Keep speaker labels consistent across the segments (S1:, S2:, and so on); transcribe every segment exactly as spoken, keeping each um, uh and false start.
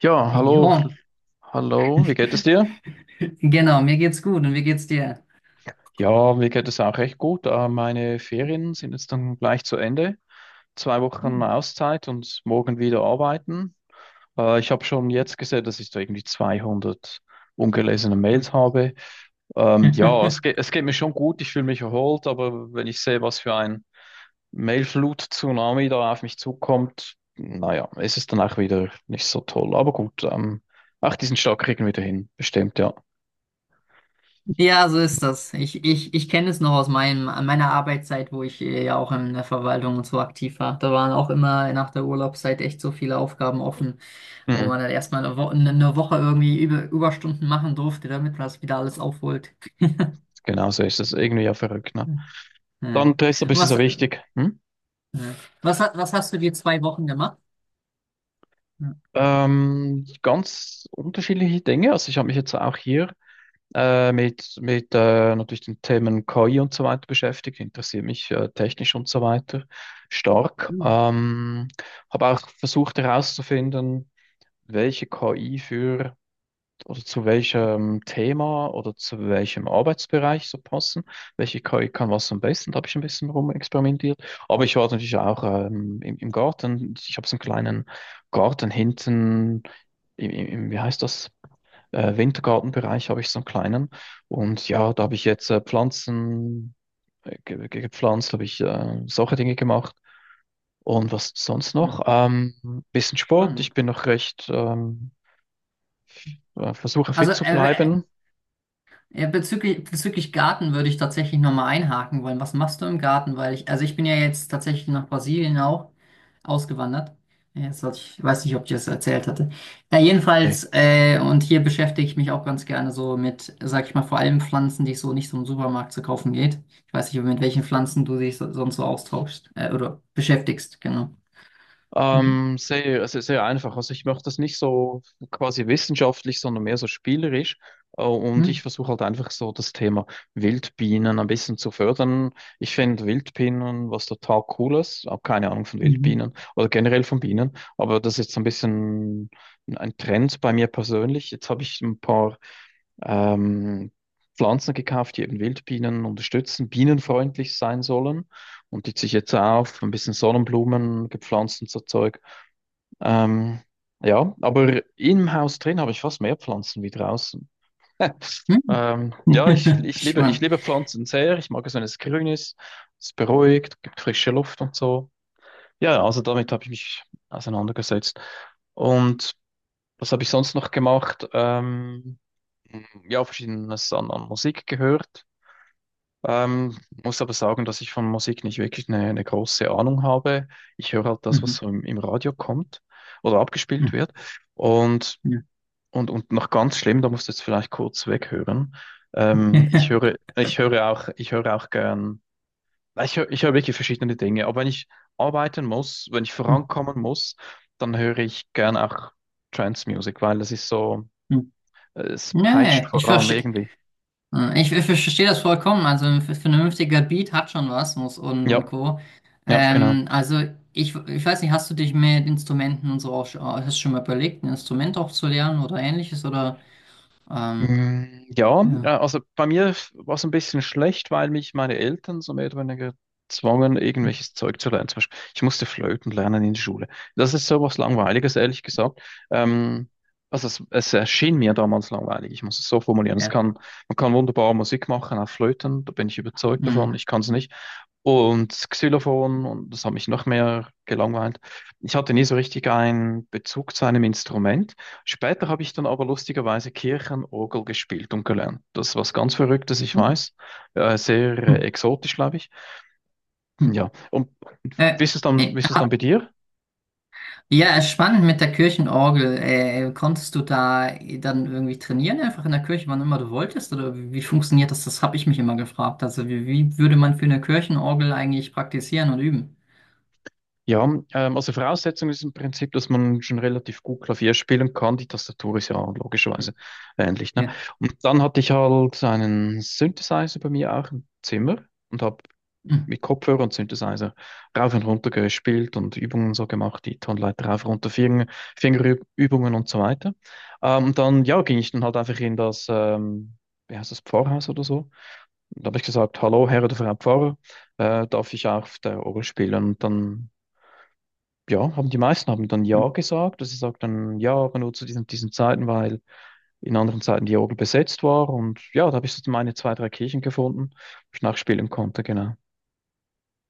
S1: Ja, hallo,
S2: Jo,
S1: hallo, wie geht es dir?
S2: genau, mir geht's gut und wie geht's dir?
S1: Ja, mir geht es auch recht gut. Äh, Meine Ferien sind jetzt dann gleich zu Ende. Zwei Wochen Auszeit und morgen wieder arbeiten. Äh, Ich habe schon jetzt gesehen, dass ich da irgendwie zweihundert ungelesene Mails habe. Ähm, ja, es geht, es geht mir schon gut, ich fühle mich erholt, aber wenn ich sehe, was für ein Mailflut-Tsunami da auf mich zukommt, naja, ist es dann auch wieder nicht so toll. Aber gut, ähm, ach, diesen Start kriegen wir wieder hin, bestimmt, ja.
S2: Ja, so ist das. Ich, ich, ich kenne es noch aus meinem, meiner Arbeitszeit, wo ich äh, ja auch in der Verwaltung und so aktiv war. Da waren auch immer nach der Urlaubszeit echt so viele Aufgaben offen, wo man dann erstmal eine, Wo ne, eine Woche irgendwie über Überstunden machen durfte, damit man das wieder alles aufholt.
S1: Genau so ist es. Irgendwie ja verrückt, ne?
S2: Hm. Ja.
S1: Dann Dresdner
S2: Und
S1: ist du
S2: Was,
S1: so
S2: ja.
S1: wichtig. Hm?
S2: Was, ha- was hast du die zwei Wochen gemacht? Ja.
S1: Ähm, ganz unterschiedliche Dinge. Also ich habe mich jetzt auch hier äh, mit, mit äh, natürlich den Themen K I und so weiter beschäftigt, interessiere mich äh, technisch und so weiter stark.
S2: Hm.
S1: Ähm, habe auch versucht herauszufinden, welche K I für oder zu welchem Thema oder zu welchem Arbeitsbereich so passen, welche K I kann was am besten, da habe ich ein bisschen rumexperimentiert. Aber ich war natürlich auch ähm, im, im Garten, ich habe so einen kleinen Garten hinten, im, im, im- wie heißt das, äh, Wintergartenbereich habe ich so einen kleinen, und ja, da habe ich jetzt äh, Pflanzen, äh, ge ge gepflanzt, habe ich äh, solche Dinge gemacht. Und was sonst
S2: Ja,
S1: noch? Ähm, bisschen Sport. Ich
S2: spannend.
S1: bin noch recht, ähm, äh, versuche
S2: Also,
S1: fit zu
S2: äh, äh,
S1: bleiben.
S2: Ja, bezüglich, bezüglich Garten würde ich tatsächlich nochmal einhaken wollen. Was machst du im Garten? Weil ich, also ich bin ja jetzt tatsächlich nach Brasilien auch ausgewandert. Ja, jetzt hatte ich, weiß nicht, ob ich das erzählt hatte. Ja, jedenfalls, äh, und hier beschäftige ich mich auch ganz gerne so mit, sag ich mal, vor allem Pflanzen, die es so nicht so im Supermarkt zu kaufen geht. Ich weiß nicht, mit welchen Pflanzen du dich so, sonst so austauschst, äh, oder beschäftigst, genau. Ja.
S1: Ähm, sehr, sehr, sehr einfach. Also ich mache das nicht so quasi wissenschaftlich, sondern mehr so spielerisch. Äh, Und
S2: Hm.
S1: ich versuche halt einfach so das Thema Wildbienen ein bisschen zu fördern. Ich finde Wildbienen was total Cooles. Habe keine Ahnung von
S2: Mhm.
S1: Wildbienen oder generell von Bienen. Aber das ist so ein bisschen ein Trend bei mir persönlich. Jetzt habe ich ein paar ähm, Pflanzen gekauft, die eben Wildbienen unterstützen, bienenfreundlich sein sollen, und die ziehe ich jetzt auch auf, ein bisschen Sonnenblumen gepflanzt und so Zeug. Ähm, ja, aber im Haus drin habe ich fast mehr Pflanzen wie draußen.
S2: Hm.
S1: Ähm, ja, ich, ich liebe, ich
S2: Spannend.
S1: liebe Pflanzen sehr. Ich mag es, wenn es grün ist, es beruhigt, gibt frische Luft und so. Ja, also damit habe ich mich auseinandergesetzt. Und was habe ich sonst noch gemacht? Ähm, ja, verschiedenes an, an Musik gehört. Ähm, muss aber sagen, dass ich von Musik nicht wirklich eine, eine große Ahnung habe. Ich höre halt das, was
S2: Mhm.
S1: so im, im Radio kommt oder abgespielt
S2: Mhm.
S1: wird. Und, und, und noch ganz schlimm, da musst du jetzt vielleicht kurz weghören. Ähm, ich
S2: Ja.
S1: höre, ich höre auch, ich höre auch gern, ich höre, ich höre wirklich verschiedene Dinge. Aber wenn ich arbeiten muss, wenn ich vorankommen muss, dann höre ich gern auch Trance Music, weil das ist so, äh, es peitscht
S2: Nee, ich
S1: voran
S2: verstehe,
S1: irgendwie.
S2: ich, ich verstehe das vollkommen. Also ein vernünftiger Beat hat schon was muss und, und
S1: Ja,
S2: Co.
S1: ja, genau.
S2: Ähm, also ich, ich weiß nicht, hast du dich mit Instrumenten und so auch schon, hast du schon mal überlegt, ein Instrument auch zu lernen oder ähnliches, oder ähm,
S1: Mm, ja,
S2: ja.
S1: ja, also bei mir war es ein bisschen schlecht, weil mich meine Eltern so mehr oder weniger zwangen,
S2: Hm.
S1: irgendwelches Zeug zu lernen. Zum Beispiel, ich musste Flöten lernen in der Schule. Das ist so was Langweiliges, ehrlich gesagt. Ähm, also es, es erschien mir damals langweilig. Ich muss es so formulieren. Es
S2: Ja.
S1: kann, man kann wunderbar Musik machen auf Flöten, da bin ich überzeugt
S2: Hm.
S1: davon. Ich kann es nicht. Und das Xylophon, und das hat mich noch mehr gelangweilt. Ich hatte nie so richtig einen Bezug zu einem Instrument. Später habe ich dann aber lustigerweise Kirchenorgel gespielt und gelernt. Das ist was ganz Verrücktes, ich
S2: Hm.
S1: weiß. Äh, sehr äh,
S2: Hm.
S1: exotisch, glaube ich.
S2: Hm.
S1: Ja, und
S2: Äh,
S1: wie ist es dann,
S2: äh,
S1: wie ist es dann bei dir?
S2: Ja, spannend mit der Kirchenorgel. Äh, konntest du da dann irgendwie trainieren, einfach in der Kirche, wann immer du wolltest? Oder wie, wie funktioniert das? Das habe ich mich immer gefragt. Also wie, wie würde man für eine Kirchenorgel eigentlich praktizieren und üben?
S1: Ja, ähm, also Voraussetzung ist im Prinzip, dass man schon relativ gut Klavier spielen kann. Die Tastatur ist ja
S2: Hm.
S1: logischerweise ähnlich, ne?
S2: Ja.
S1: Und dann hatte ich halt einen Synthesizer bei mir auch im Zimmer und habe
S2: Hm.
S1: mit Kopfhörer und Synthesizer rauf und runter gespielt und Übungen so gemacht, die Tonleiter rauf, runter, Finger, Fingerübungen und so weiter. Ähm, dann, ja, ging ich dann halt einfach in das, ähm, wie heißt das, Pfarrhaus oder so. Da habe ich gesagt, hallo, Herr oder Frau Pfarrer, äh, darf ich auf der Orgel spielen? Und dann, ja, haben die meisten haben dann
S2: Hm.
S1: ja gesagt, dass sie dann ja, aber nur zu diesen, diesen Zeiten, weil in anderen Zeiten die Orgel besetzt war. Und ja, da habe ich so meine zwei, drei Kirchen gefunden, wo ich nachspielen konnte, genau.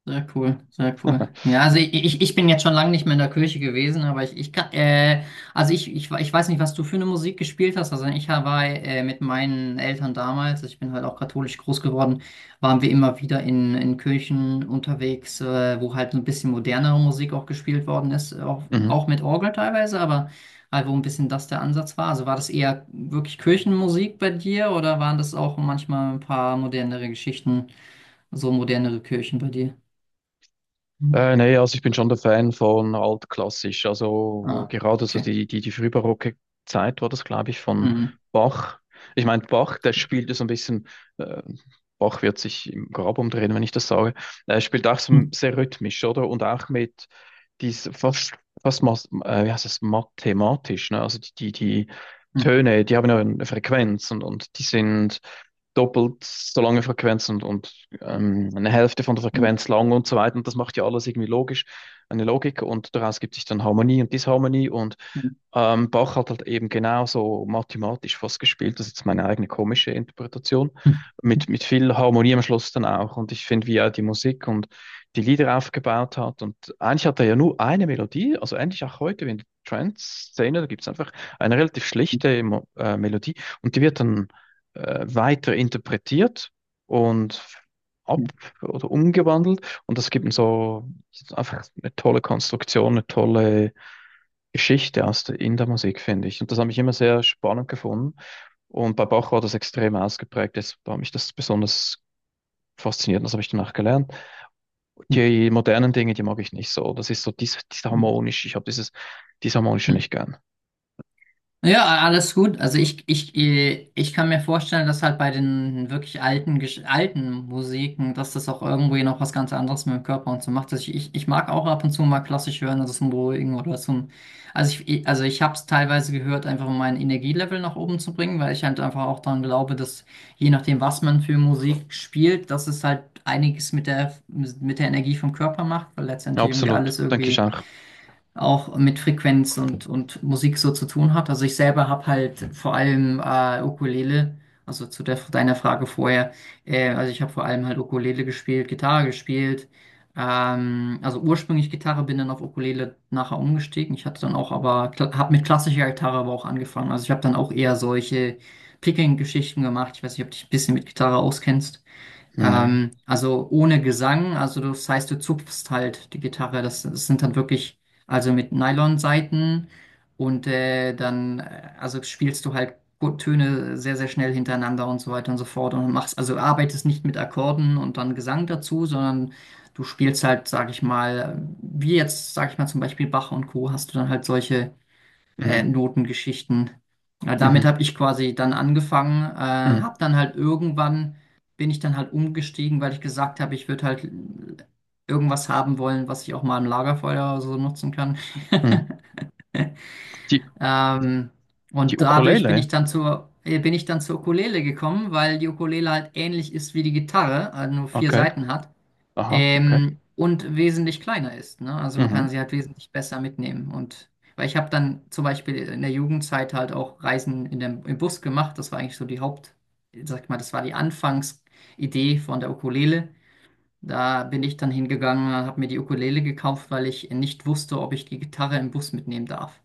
S2: Sehr cool, sehr cool. Ja, also ich, ich, ich bin jetzt schon lange nicht mehr in der Kirche gewesen, aber ich, ich kann, äh, also ich, ich, ich weiß nicht, was du für eine Musik gespielt hast. Also ich war äh, mit meinen Eltern damals, also ich bin halt auch katholisch groß geworden, waren wir immer wieder in, in Kirchen unterwegs, äh, wo halt so ein bisschen modernere Musik auch gespielt worden ist, auch,
S1: Mhm.
S2: auch mit Orgel teilweise, aber halt wo ein bisschen das der Ansatz war. Also war das eher wirklich Kirchenmusik bei dir oder waren das auch manchmal ein paar modernere Geschichten, so modernere Kirchen bei dir? Mhm.
S1: Äh, nee, also ich bin schon der Fan von altklassisch. Also
S2: Ah,
S1: gerade so
S2: okay.
S1: die, die, die frühbarocke Zeit war das, glaube ich, von
S2: Mhm.
S1: Bach. Ich meine, Bach, der spielte so ein bisschen. äh, Bach wird sich im Grab umdrehen, wenn ich das sage. Er spielt auch so
S2: Mhm.
S1: sehr rhythmisch, oder? Und auch mit dies fast, fast mas- äh, wie heißt es, mathematisch, ne? Also die, die, die Töne, die haben ja eine Frequenz, und, und die sind doppelt so lange Frequenz, und, und ähm, eine Hälfte von der
S2: Mhm.
S1: Frequenz lang und so weiter. Und das macht ja alles irgendwie logisch, eine Logik, und daraus gibt sich dann Harmonie und Disharmonie, und
S2: Mhm.
S1: ähm, Bach hat halt eben genauso mathematisch fast gespielt, das ist jetzt meine eigene komische Interpretation,
S2: Mhm.
S1: mit, mit viel Harmonie am Schluss dann auch. Und ich finde, wie er die Musik und die Lieder aufgebaut hat. Und eigentlich hat er ja nur eine Melodie, also eigentlich auch heute in der Trance-Szene, da gibt es einfach eine relativ schlichte Mo äh, Melodie, und die wird dann äh, weiter interpretiert und
S2: Mhm.
S1: ab oder umgewandelt. Und das gibt ihm so einfach eine tolle Konstruktion, eine tolle Geschichte aus der, in der Musik, finde ich. Und das habe ich immer sehr spannend gefunden. Und bei Bach war das extrem ausgeprägt. Das war mich das besonders fasziniert. Und das habe ich danach gelernt.
S2: Mhm.
S1: Die modernen Dinge, die mag ich nicht so. Das ist so dies, dies
S2: Mhm.
S1: harmonisch. Ich habe dieses disharmonische
S2: Mhm.
S1: nicht gern.
S2: Ja, alles gut. Also ich, ich, äh, ich kann mir vorstellen, dass halt bei den wirklich alten, Gesch- alten Musiken, dass das auch irgendwie noch was ganz anderes mit dem Körper und so macht. Also ich, ich, ich mag auch ab und zu mal klassisch hören, also zum Beruhigen oder zum. Also ich, ich- also ich habe es teilweise gehört, einfach um mein Energielevel nach oben zu bringen, weil ich halt einfach auch daran glaube, dass je nachdem, was man für Musik spielt, dass es halt einiges mit der, mit der Energie vom Körper macht, weil letztendlich irgendwie
S1: Absolut.
S2: alles
S1: Denke ich
S2: irgendwie
S1: auch.
S2: auch mit Frequenz und, und Musik so zu tun hat. Also ich selber habe halt vor allem äh, Ukulele, also zu der, deiner Frage vorher, äh, also ich habe vor allem halt Ukulele gespielt, Gitarre gespielt, ähm, also ursprünglich Gitarre, bin dann auf Ukulele nachher umgestiegen. Ich hatte dann auch aber, habe mit klassischer Gitarre aber auch angefangen. Also ich habe dann auch eher solche Picking-Geschichten gemacht. Ich weiß nicht, ob du dich ein bisschen mit Gitarre auskennst.
S1: Nee.
S2: Ähm, also ohne Gesang, also das heißt, du zupfst halt die Gitarre. Das, das sind dann wirklich, also mit Nylonsaiten und äh, dann, äh, also spielst du halt gut Töne sehr, sehr schnell hintereinander und so weiter und so fort und machst, also arbeitest nicht mit Akkorden und dann Gesang dazu, sondern du spielst halt, sag ich mal, wie jetzt, sag ich mal, zum Beispiel Bach und Co. hast du dann halt solche äh,
S1: Mhm.
S2: Notengeschichten. Ja, damit
S1: Mhm.
S2: habe ich quasi dann angefangen, äh,
S1: Mhm.
S2: habe dann halt irgendwann, bin ich dann halt umgestiegen, weil ich gesagt habe, ich würde halt irgendwas haben wollen, was ich auch mal im Lagerfeuer oder so nutzen kann.
S1: Mhm. Die,
S2: Ähm,
S1: die
S2: und dadurch bin
S1: Ukulele.
S2: ich dann zur, äh, bin ich dann zur Ukulele gekommen, weil die Ukulele halt ähnlich ist wie die Gitarre, äh, nur vier
S1: Okay.
S2: Saiten hat.
S1: Aha. Okay.
S2: Ähm, und wesentlich kleiner ist, ne? Also man kann
S1: Mhm.
S2: sie halt wesentlich besser mitnehmen. Und weil ich habe dann zum Beispiel in der Jugendzeit halt auch Reisen in dem, im Bus gemacht. Das war eigentlich so die Haupt, sag ich mal, das war die Anfangsidee von der Ukulele. Da bin ich dann hingegangen, habe mir die Ukulele gekauft, weil ich nicht wusste, ob ich die Gitarre im Bus mitnehmen darf.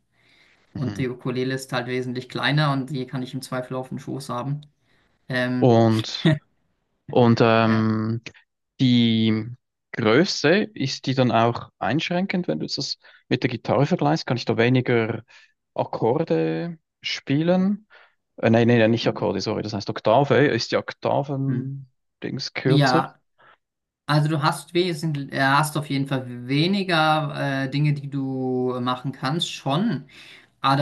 S2: Und die
S1: Mhm.
S2: Ukulele ist halt wesentlich kleiner und die kann ich im Zweifel auf den Schoß haben. Ähm,
S1: Und Und
S2: ja.
S1: ähm, die Größe, ist die dann auch einschränkend, wenn du jetzt das mit der Gitarre vergleichst? Kann ich da weniger Akkorde spielen? Äh, nein, nein, nein, nicht Akkorde, sorry. Das heißt Oktave. Ist die
S2: Hm.
S1: Oktaven-Dings kürzer?
S2: Ja, also du hast wesentlich, äh, hast auf jeden Fall weniger äh, Dinge, die du machen kannst, schon.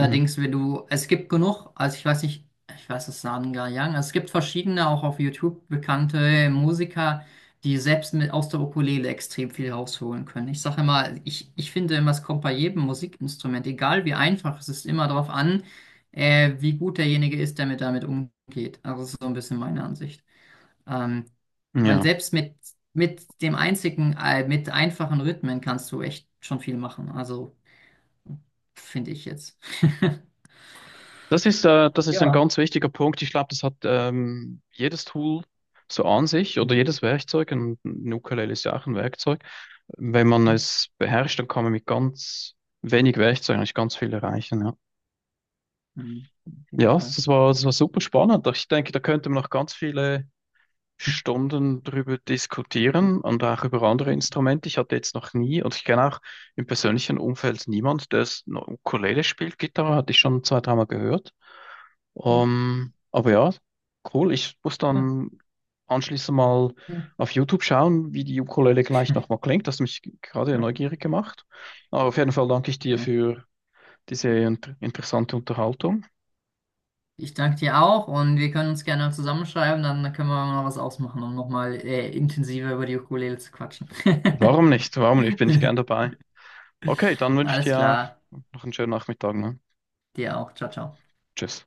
S1: Mhm.
S2: wenn du, es gibt genug, also ich weiß nicht, ich weiß es sagen gar nicht, es gibt verschiedene, auch auf YouTube bekannte Musiker, die selbst mit aus der Ukulele extrem viel rausholen können. Ich sage immer, ich, ich finde immer, es kommt bei jedem Musikinstrument, egal wie einfach, es ist immer darauf an, äh, wie gut derjenige ist, der mit damit umgeht. Also das ist so ein bisschen meine Ansicht. Ähm, weil
S1: Ja.
S2: selbst mit, mit dem einzigen, äh, mit einfachen Rhythmen kannst du echt schon viel machen. Also finde ich jetzt.
S1: Das ist, äh, das ist ein
S2: Ja.
S1: ganz wichtiger Punkt. Ich glaube, das hat ähm, jedes Tool so an sich oder
S2: Mhm.
S1: jedes Werkzeug. Und ein Ukulele ist ja auch ein Werkzeug. Wenn man es beherrscht, dann kann man mit ganz wenig Werkzeug eigentlich ganz viel erreichen. Ja,
S2: Mhm. Auf jeden
S1: ja,
S2: Fall.
S1: das war, das war super spannend. Ich denke, da könnte man noch ganz viele Stunden drüber diskutieren und auch über andere Instrumente. Ich hatte jetzt noch nie, und ich kenne auch im persönlichen Umfeld niemand, der es noch Ukulele spielt. Gitarre hatte ich schon zwei, dreimal gehört. Ähm, aber ja, cool. Ich muss
S2: Ja.
S1: dann anschließend mal
S2: Ja.
S1: auf YouTube schauen, wie die Ukulele gleich nochmal klingt. Das hat mich gerade ja neugierig gemacht. Aber auf jeden Fall danke ich dir
S2: Ja.
S1: für diese inter interessante Unterhaltung.
S2: Ich danke dir auch und wir können uns gerne zusammenschreiben, dann können wir mal was ausmachen, um nochmal äh, intensiver über die Ukulele zu quatschen.
S1: Warum nicht? Warum nicht? Bin ich gern dabei. Okay, dann wünsche ich
S2: Alles
S1: dir
S2: klar,
S1: auch noch einen schönen Nachmittag, ne?
S2: dir auch. Ciao, ciao.
S1: Tschüss.